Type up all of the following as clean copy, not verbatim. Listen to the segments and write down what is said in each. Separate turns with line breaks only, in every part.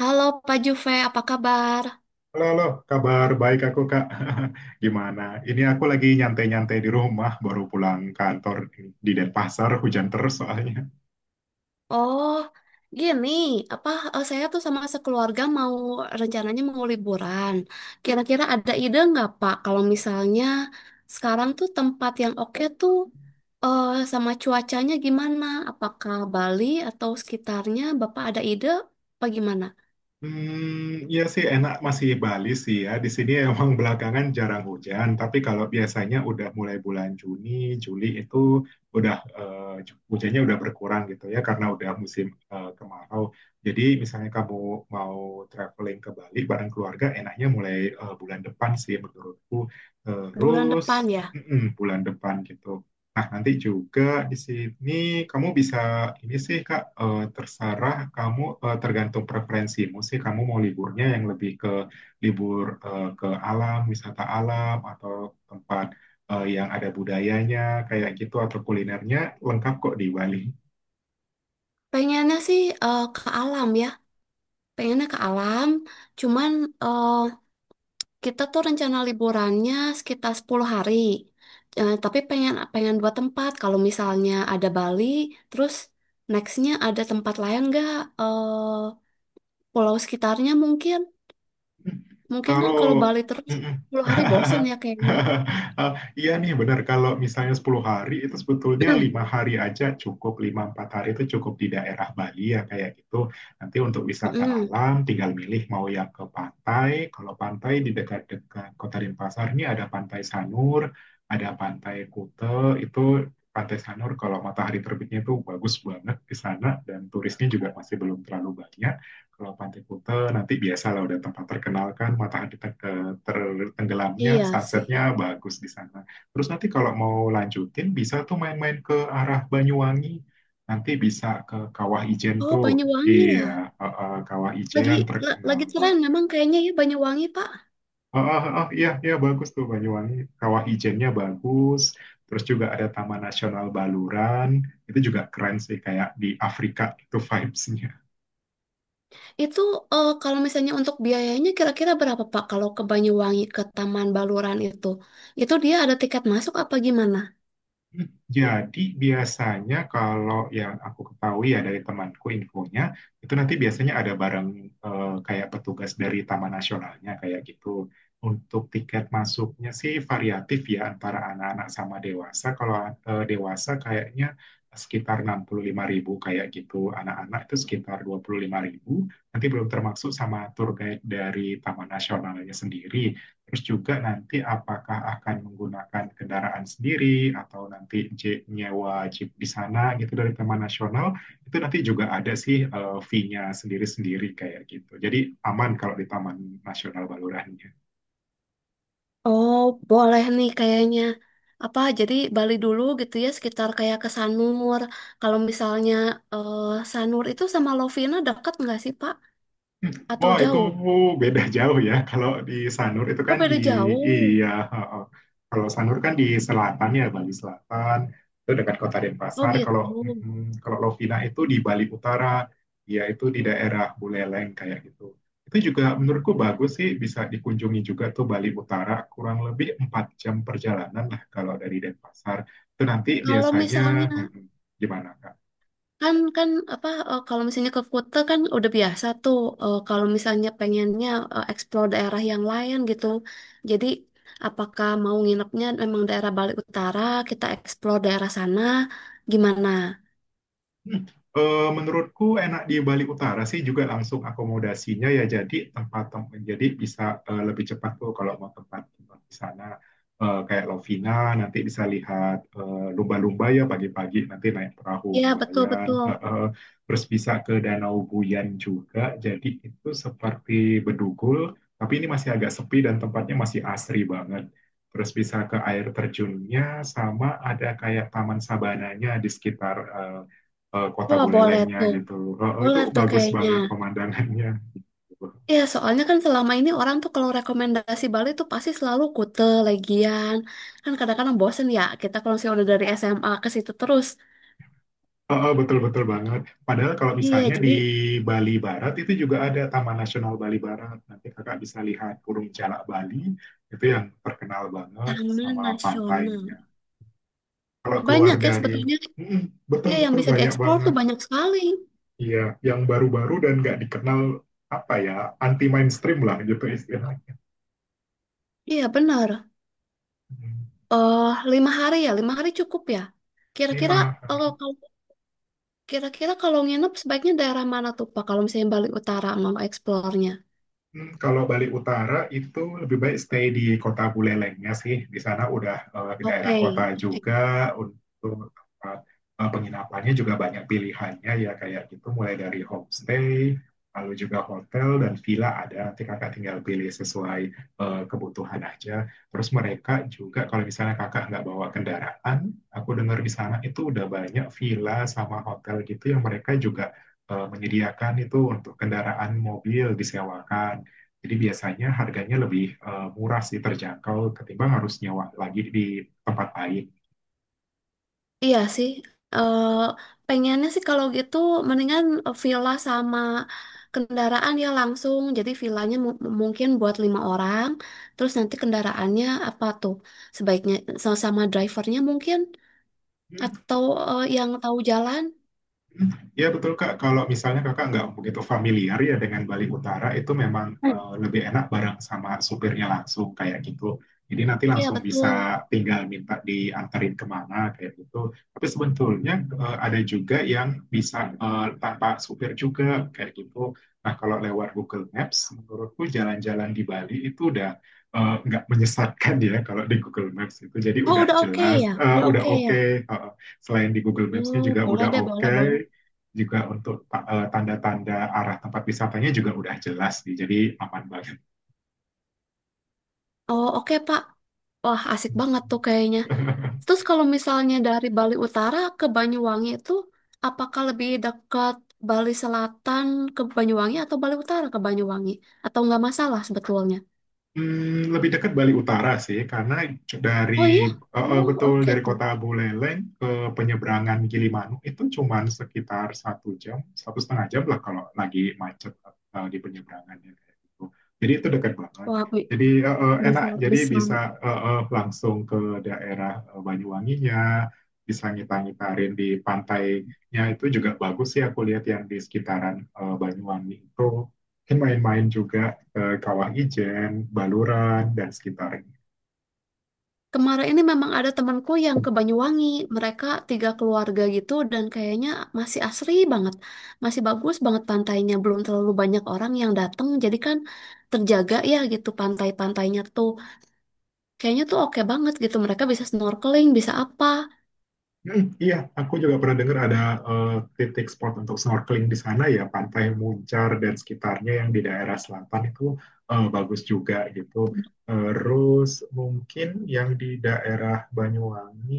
Halo Pak Juve, apa kabar?
Halo, halo, kabar baik aku Kak. Gimana? Ini aku lagi nyantai-nyantai di rumah, baru pulang kantor di Denpasar, hujan terus soalnya.
Oh, gini, apa saya tuh sama sekeluarga mau rencananya mau liburan. Kira-kira ada ide nggak Pak kalau misalnya sekarang tuh tempat yang oke tuh eh, sama cuacanya gimana? Apakah Bali atau sekitarnya? Bapak ada ide apa gimana?
Iya sih enak masih Bali sih ya. Di sini emang belakangan jarang hujan, tapi kalau biasanya udah mulai bulan Juni, Juli itu udah hujannya udah berkurang gitu ya karena udah musim kemarau. Jadi misalnya kamu mau traveling ke Bali bareng keluarga, enaknya mulai bulan depan sih menurutku.
Bulan
Terus
depan ya.
mm-mm, bulan depan gitu. Nah, nanti juga di sini kamu bisa ini sih Kak, terserah kamu, tergantung preferensimu sih kamu mau liburnya yang lebih ke libur, ke alam, wisata alam atau tempat yang ada budayanya kayak gitu atau kulinernya lengkap kok di Bali.
Pengennya sih ke alam ya. Pengennya ke alam, cuman eh, kita tuh rencana liburannya sekitar 10 hari. Tapi pengen pengen dua tempat. Kalau misalnya ada Bali, terus nextnya ada tempat lain nggak? Eh, Pulau sekitarnya mungkin. Mungkin kan kalau
Kalau
Bali terus
Mm-mm.
10 hari bosen ya kayaknya.
Ah, iya nih benar kalau misalnya 10 hari itu sebetulnya lima hari aja cukup, 5 4 hari itu cukup di daerah Bali ya kayak gitu, nanti untuk wisata
Mm-mm.
alam tinggal milih mau yang ke pantai. Kalau pantai di dekat-dekat Kota Denpasar ini ada Pantai Sanur, ada Pantai Kute. Itu Pantai Sanur kalau matahari terbitnya itu bagus banget di sana dan turisnya juga masih belum terlalu banyak. Kalau Pantai Kuta nanti biasa lah, udah tempat terkenal kan, matahari tenggelamnya,
Iya sih.
sunsetnya bagus di sana. Terus nanti kalau mau lanjutin bisa tuh main-main ke arah Banyuwangi. Nanti bisa ke Kawah Ijen
Oh,
tuh.
Banyuwangi ya.
Iya, Kawah
Lagi
Ijen terkenal
lagi tren
banget.
memang kayaknya ya Banyuwangi, Pak.
Oh, oh, oh, iya, iya bagus tuh Banyuwangi. Kawah Ijennya bagus. Terus juga ada Taman Nasional Baluran. Itu juga keren sih, kayak di Afrika itu vibes.
Itu kalau misalnya untuk biayanya kira-kira berapa Pak? Kalau ke Banyuwangi ke Taman Baluran itu dia ada tiket masuk apa gimana?
Jadi biasanya kalau yang aku ketahui ya, dari temanku infonya itu nanti biasanya ada barang kayak petugas dari Taman Nasionalnya kayak gitu. Untuk tiket masuknya sih variatif ya antara anak-anak sama dewasa. Kalau dewasa kayaknya sekitar 65 ribu kayak gitu. Anak-anak itu sekitar 25 ribu. Nanti belum termasuk sama tour guide dari Taman Nasionalnya sendiri. Terus juga nanti apakah akan menggunakan kendaraan sendiri atau nanti nyewa jeep di sana gitu dari Taman Nasional, itu nanti juga ada sih fee-nya sendiri-sendiri kayak gitu. Jadi aman kalau di Taman Nasional Balurannya.
Oh, boleh nih kayaknya. Apa jadi Bali dulu gitu ya sekitar kayak ke Sanur. Kalau misalnya eh, Sanur itu sama Lovina dekat nggak sih Pak? Atau
Wah, itu
jauh?
beda jauh ya. Kalau di Sanur itu
Oh
kan di
beda jauh.
iya, heeh. Kalau Sanur kan di selatan ya, Bali Selatan. Itu dekat Kota
Oh
Denpasar.
gitu.
Kalau mm, kalau Lovina itu di Bali Utara, ya itu di daerah Buleleng kayak gitu. Itu juga menurutku bagus sih, bisa dikunjungi juga tuh Bali Utara. Kurang lebih 4 jam perjalanan lah kalau dari Denpasar. Itu nanti
Kalau
biasanya
misalnya
mm, gimana Kak?
Kan kan apa kalau misalnya ke Kuta kan udah biasa tuh kalau misalnya pengennya explore daerah yang lain gitu. Jadi apakah mau nginepnya memang daerah Bali Utara, kita explore daerah sana gimana?
Hmm, menurutku enak di Bali Utara sih, juga langsung akomodasinya ya, jadi tempat tempat jadi bisa lebih cepat tuh kalau mau tempat tempat di sana. Eh, kayak Lovina nanti bisa lihat, lumba-lumba ya, pagi-pagi nanti naik perahu
Iya, betul
nelayan.
betul.
Terus bisa ke Danau Buyan juga, jadi itu seperti Bedugul tapi ini masih agak sepi dan tempatnya masih asri banget. Terus bisa ke air terjunnya, sama ada kayak taman sabananya di sekitar kota
Wah, boleh
Bulelengnya
tuh.
gitu. Itu
Boleh tuh
bagus
kayaknya.
banget pemandangannya.
Iya, soalnya kan selama ini orang tuh kalau rekomendasi Bali tuh pasti selalu Kuta, Legian. Kan kadang-kadang bosen ya kita kalau misalnya udah dari SMA ke situ terus.
Betul-betul banget. Padahal kalau
Iya,
misalnya di
jadi
Bali Barat itu juga ada Taman Nasional Bali Barat. Nanti kakak bisa lihat Burung Jalak Bali itu yang terkenal banget sama
Taman Nasional.
pantainya. Kalau keluar
Banyak ya
dari
sebetulnya.
mm,
Iya, yang
betul-betul
bisa
banyak
dieksplor tuh
banget.
banyak sekali.
Iya, yang baru-baru dan nggak dikenal, apa ya, anti mainstream lah gitu istilahnya.
Iya, benar.
Mm.
eh Lima hari ya, lima hari cukup ya.
Ini
Kira-kira
mah
eh, kalau kira-kira kalau nginep sebaiknya daerah mana tuh Pak? Kalau misalnya Bali Utara mau eksplornya.
Kalau Bali Utara itu lebih baik stay di kota Bulelengnya sih. Di sana udah, di
Oke,
daerah kota
oke.
juga untuk tempat penginapannya juga banyak pilihannya ya kayak gitu, mulai dari homestay, lalu juga hotel dan villa ada. Nanti kakak tinggal pilih sesuai kebutuhan aja. Terus mereka juga kalau misalnya kakak nggak bawa kendaraan, aku dengar di sana itu udah banyak villa sama hotel gitu yang mereka juga menyediakan itu untuk kendaraan mobil disewakan. Jadi biasanya harganya lebih murah sih, terjangkau ketimbang harus nyewa lagi di tempat lain.
Iya sih. eh Pengennya sih kalau gitu mendingan villa sama kendaraan ya langsung. Jadi villanya mungkin buat lima orang. Terus nanti kendaraannya apa tuh? Sebaiknya sama drivernya mungkin. Atau yang tahu jalan?
Ya betul Kak, kalau misalnya Kakak nggak begitu familiar ya dengan Bali Utara, itu memang
Hmm.
lebih enak bareng sama supirnya langsung kayak gitu. Jadi nanti
Iya,
langsung
betul.
bisa tinggal minta diantarin kemana kayak gitu. Tapi sebetulnya ada juga yang bisa tanpa supir juga kayak gitu. Nah kalau lewat Google Maps, menurutku jalan-jalan di Bali itu udah nggak menyesatkan ya kalau di Google Maps itu. Jadi
Oh,
udah
udah oke ya?
jelas, eh,
Udah
udah
oke ya?
oke. Selain di Google Maps-nya
Oh,
juga
boleh
udah
deh, boleh,
oke
boleh.
juga untuk tanda-tanda arah tempat wisatanya juga udah jelas nih, jadi aman banget.
Oh, oke, Pak. Wah, asik banget tuh kayaknya. Terus kalau misalnya dari Bali Utara ke Banyuwangi itu, apakah lebih dekat Bali Selatan ke Banyuwangi atau Bali Utara ke Banyuwangi? Atau nggak masalah sebetulnya?
Lebih dekat Bali Utara sih, karena
Oh iya?
dari
Oh,
betul
oke
dari
tuh.
kota Buleleng ke penyeberangan Gilimanuk itu cuman sekitar 1 jam, 1,5 jam lah kalau lagi macet di penyeberangannya kayak gitu. Jadi itu dekat banget.
Wah,
Jadi enak,
bisa,
jadi
bisa.
bisa langsung ke daerah Banyuwanginya, bisa ngita-ngitarin di pantainya, itu juga bagus sih aku lihat yang di sekitaran Banyuwangi itu. Mungkin main-main juga Kawah Ijen, Baluran, dan sekitarnya.
Kemarin ini memang ada temanku yang ke Banyuwangi. Mereka tiga keluarga gitu dan kayaknya masih asri banget. Masih bagus banget pantainya. Belum terlalu banyak orang yang datang. Jadi kan terjaga ya gitu pantai-pantainya tuh. Kayaknya tuh oke banget gitu. Mereka bisa snorkeling, bisa apa.
Hmm, iya, aku juga pernah dengar ada titik spot untuk snorkeling di sana ya, Pantai Muncar dan sekitarnya yang di daerah selatan itu bagus juga gitu. Terus mungkin yang di daerah Banyuwangi,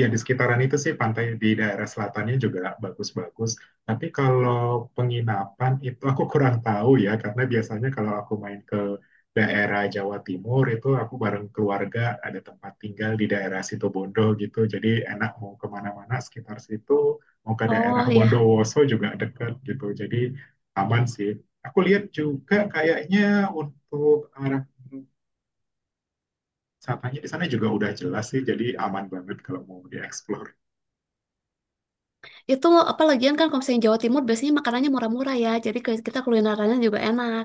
ya di sekitaran itu sih pantai di daerah selatannya juga bagus-bagus. Tapi kalau penginapan itu aku kurang tahu ya, karena biasanya kalau aku main ke daerah Jawa Timur itu aku bareng keluarga ada tempat tinggal di daerah Situbondo gitu. Jadi enak mau kemana-mana sekitar situ, mau ke daerah
Oh ya,
Bondowoso juga dekat gitu. Jadi aman sih. Aku lihat juga kayaknya untuk arah wisatanya di sana juga udah jelas sih. Jadi aman banget kalau mau dieksplor.
itu apa lagian kan kalau misalnya Jawa Timur biasanya makanannya murah-murah ya. Jadi kita kulinerannya juga enak.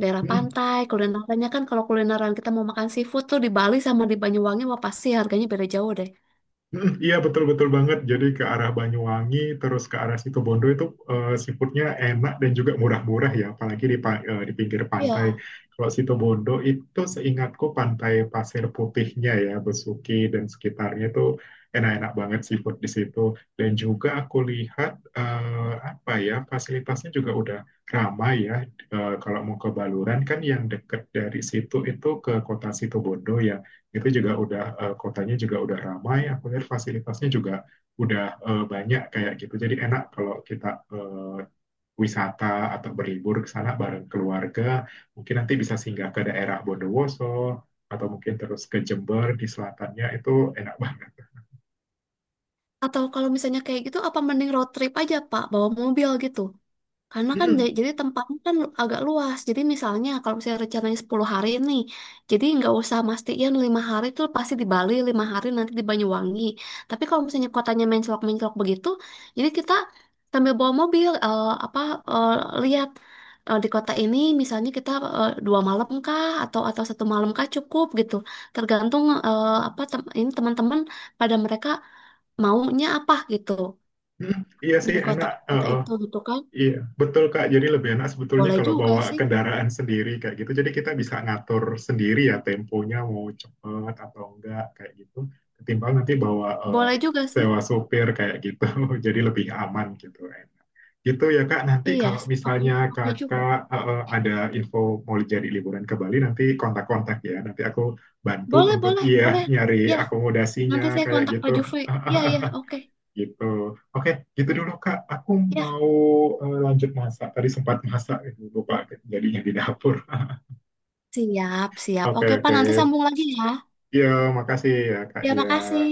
Daerah
Hmm.
pantai, kulinerannya kan kalau kulineran kita mau makan seafood tuh di Bali sama di Banyuwangi wah pasti harganya beda jauh deh.
Iya betul betul banget. Jadi ke arah Banyuwangi terus ke arah Situbondo itu seafoodnya enak dan juga murah-murah ya, apalagi di di pinggir pantai.
Iya.
Kalau Situbondo itu seingatku pantai Pasir Putihnya ya, Besuki dan sekitarnya itu enak-enak banget seafood di situ. Dan juga aku lihat, apa ya, fasilitasnya juga udah ramai ya. Eh, kalau mau ke Baluran kan yang deket dari situ itu ke kota Situbondo ya, itu juga udah, kotanya juga udah ramai, aku lihat fasilitasnya juga udah banyak kayak gitu, jadi enak kalau kita eh, wisata atau berlibur ke sana bareng keluarga, mungkin nanti bisa singgah ke daerah Bondowoso atau mungkin terus ke Jember di selatannya itu enak banget.
Atau kalau misalnya kayak gitu, apa mending road trip aja, Pak? Bawa mobil gitu. Karena kan
Hmm,
jadi tempatnya kan agak luas. Jadi misalnya kalau misalnya rencananya 10 hari nih, jadi nggak usah mastiin lima hari itu pasti di Bali, lima hari nanti di Banyuwangi. Tapi kalau misalnya kotanya mencolok-mencolok begitu, jadi kita sambil bawa mobil apa eh, lihat di kota ini misalnya kita dua malam kah atau satu malam kah cukup gitu. Tergantung apa ini teman-teman pada mereka maunya apa gitu
hmm, iya
di
sih enak.
kota-kota
Eh.
itu gitu kan.
Iya, betul Kak. Jadi lebih enak sebetulnya
Boleh
kalau
juga
bawa
sih.
kendaraan sendiri kayak gitu. Jadi kita bisa ngatur sendiri ya temponya mau cepet atau enggak kayak gitu. Ketimbang nanti bawa
Boleh juga sih.
sewa sopir kayak gitu. Jadi lebih aman gitu, enak. Gitu ya Kak. Nanti
Iya,
kalau
sih. Oke,
misalnya
oke juga.
Kakak ada info mau jadi liburan ke Bali nanti kontak-kontak ya. Nanti aku bantu
Boleh,
untuk
boleh,
iya
boleh.
nyari
Ya,
akomodasinya
nanti saya
kayak
kontak
gitu.
Pak Jufri. Iya, iya, oke.
Gitu. Oke, gitu dulu Kak. Aku
Ya,
mau lanjut masak. Tadi sempat masak, eh, lupa jadinya di dapur.
siap, siap.
Oke,
Oke, Pak,
oke.
nanti sambung lagi ya.
Ya, makasih ya Kak
Ya,
dia.
makasih.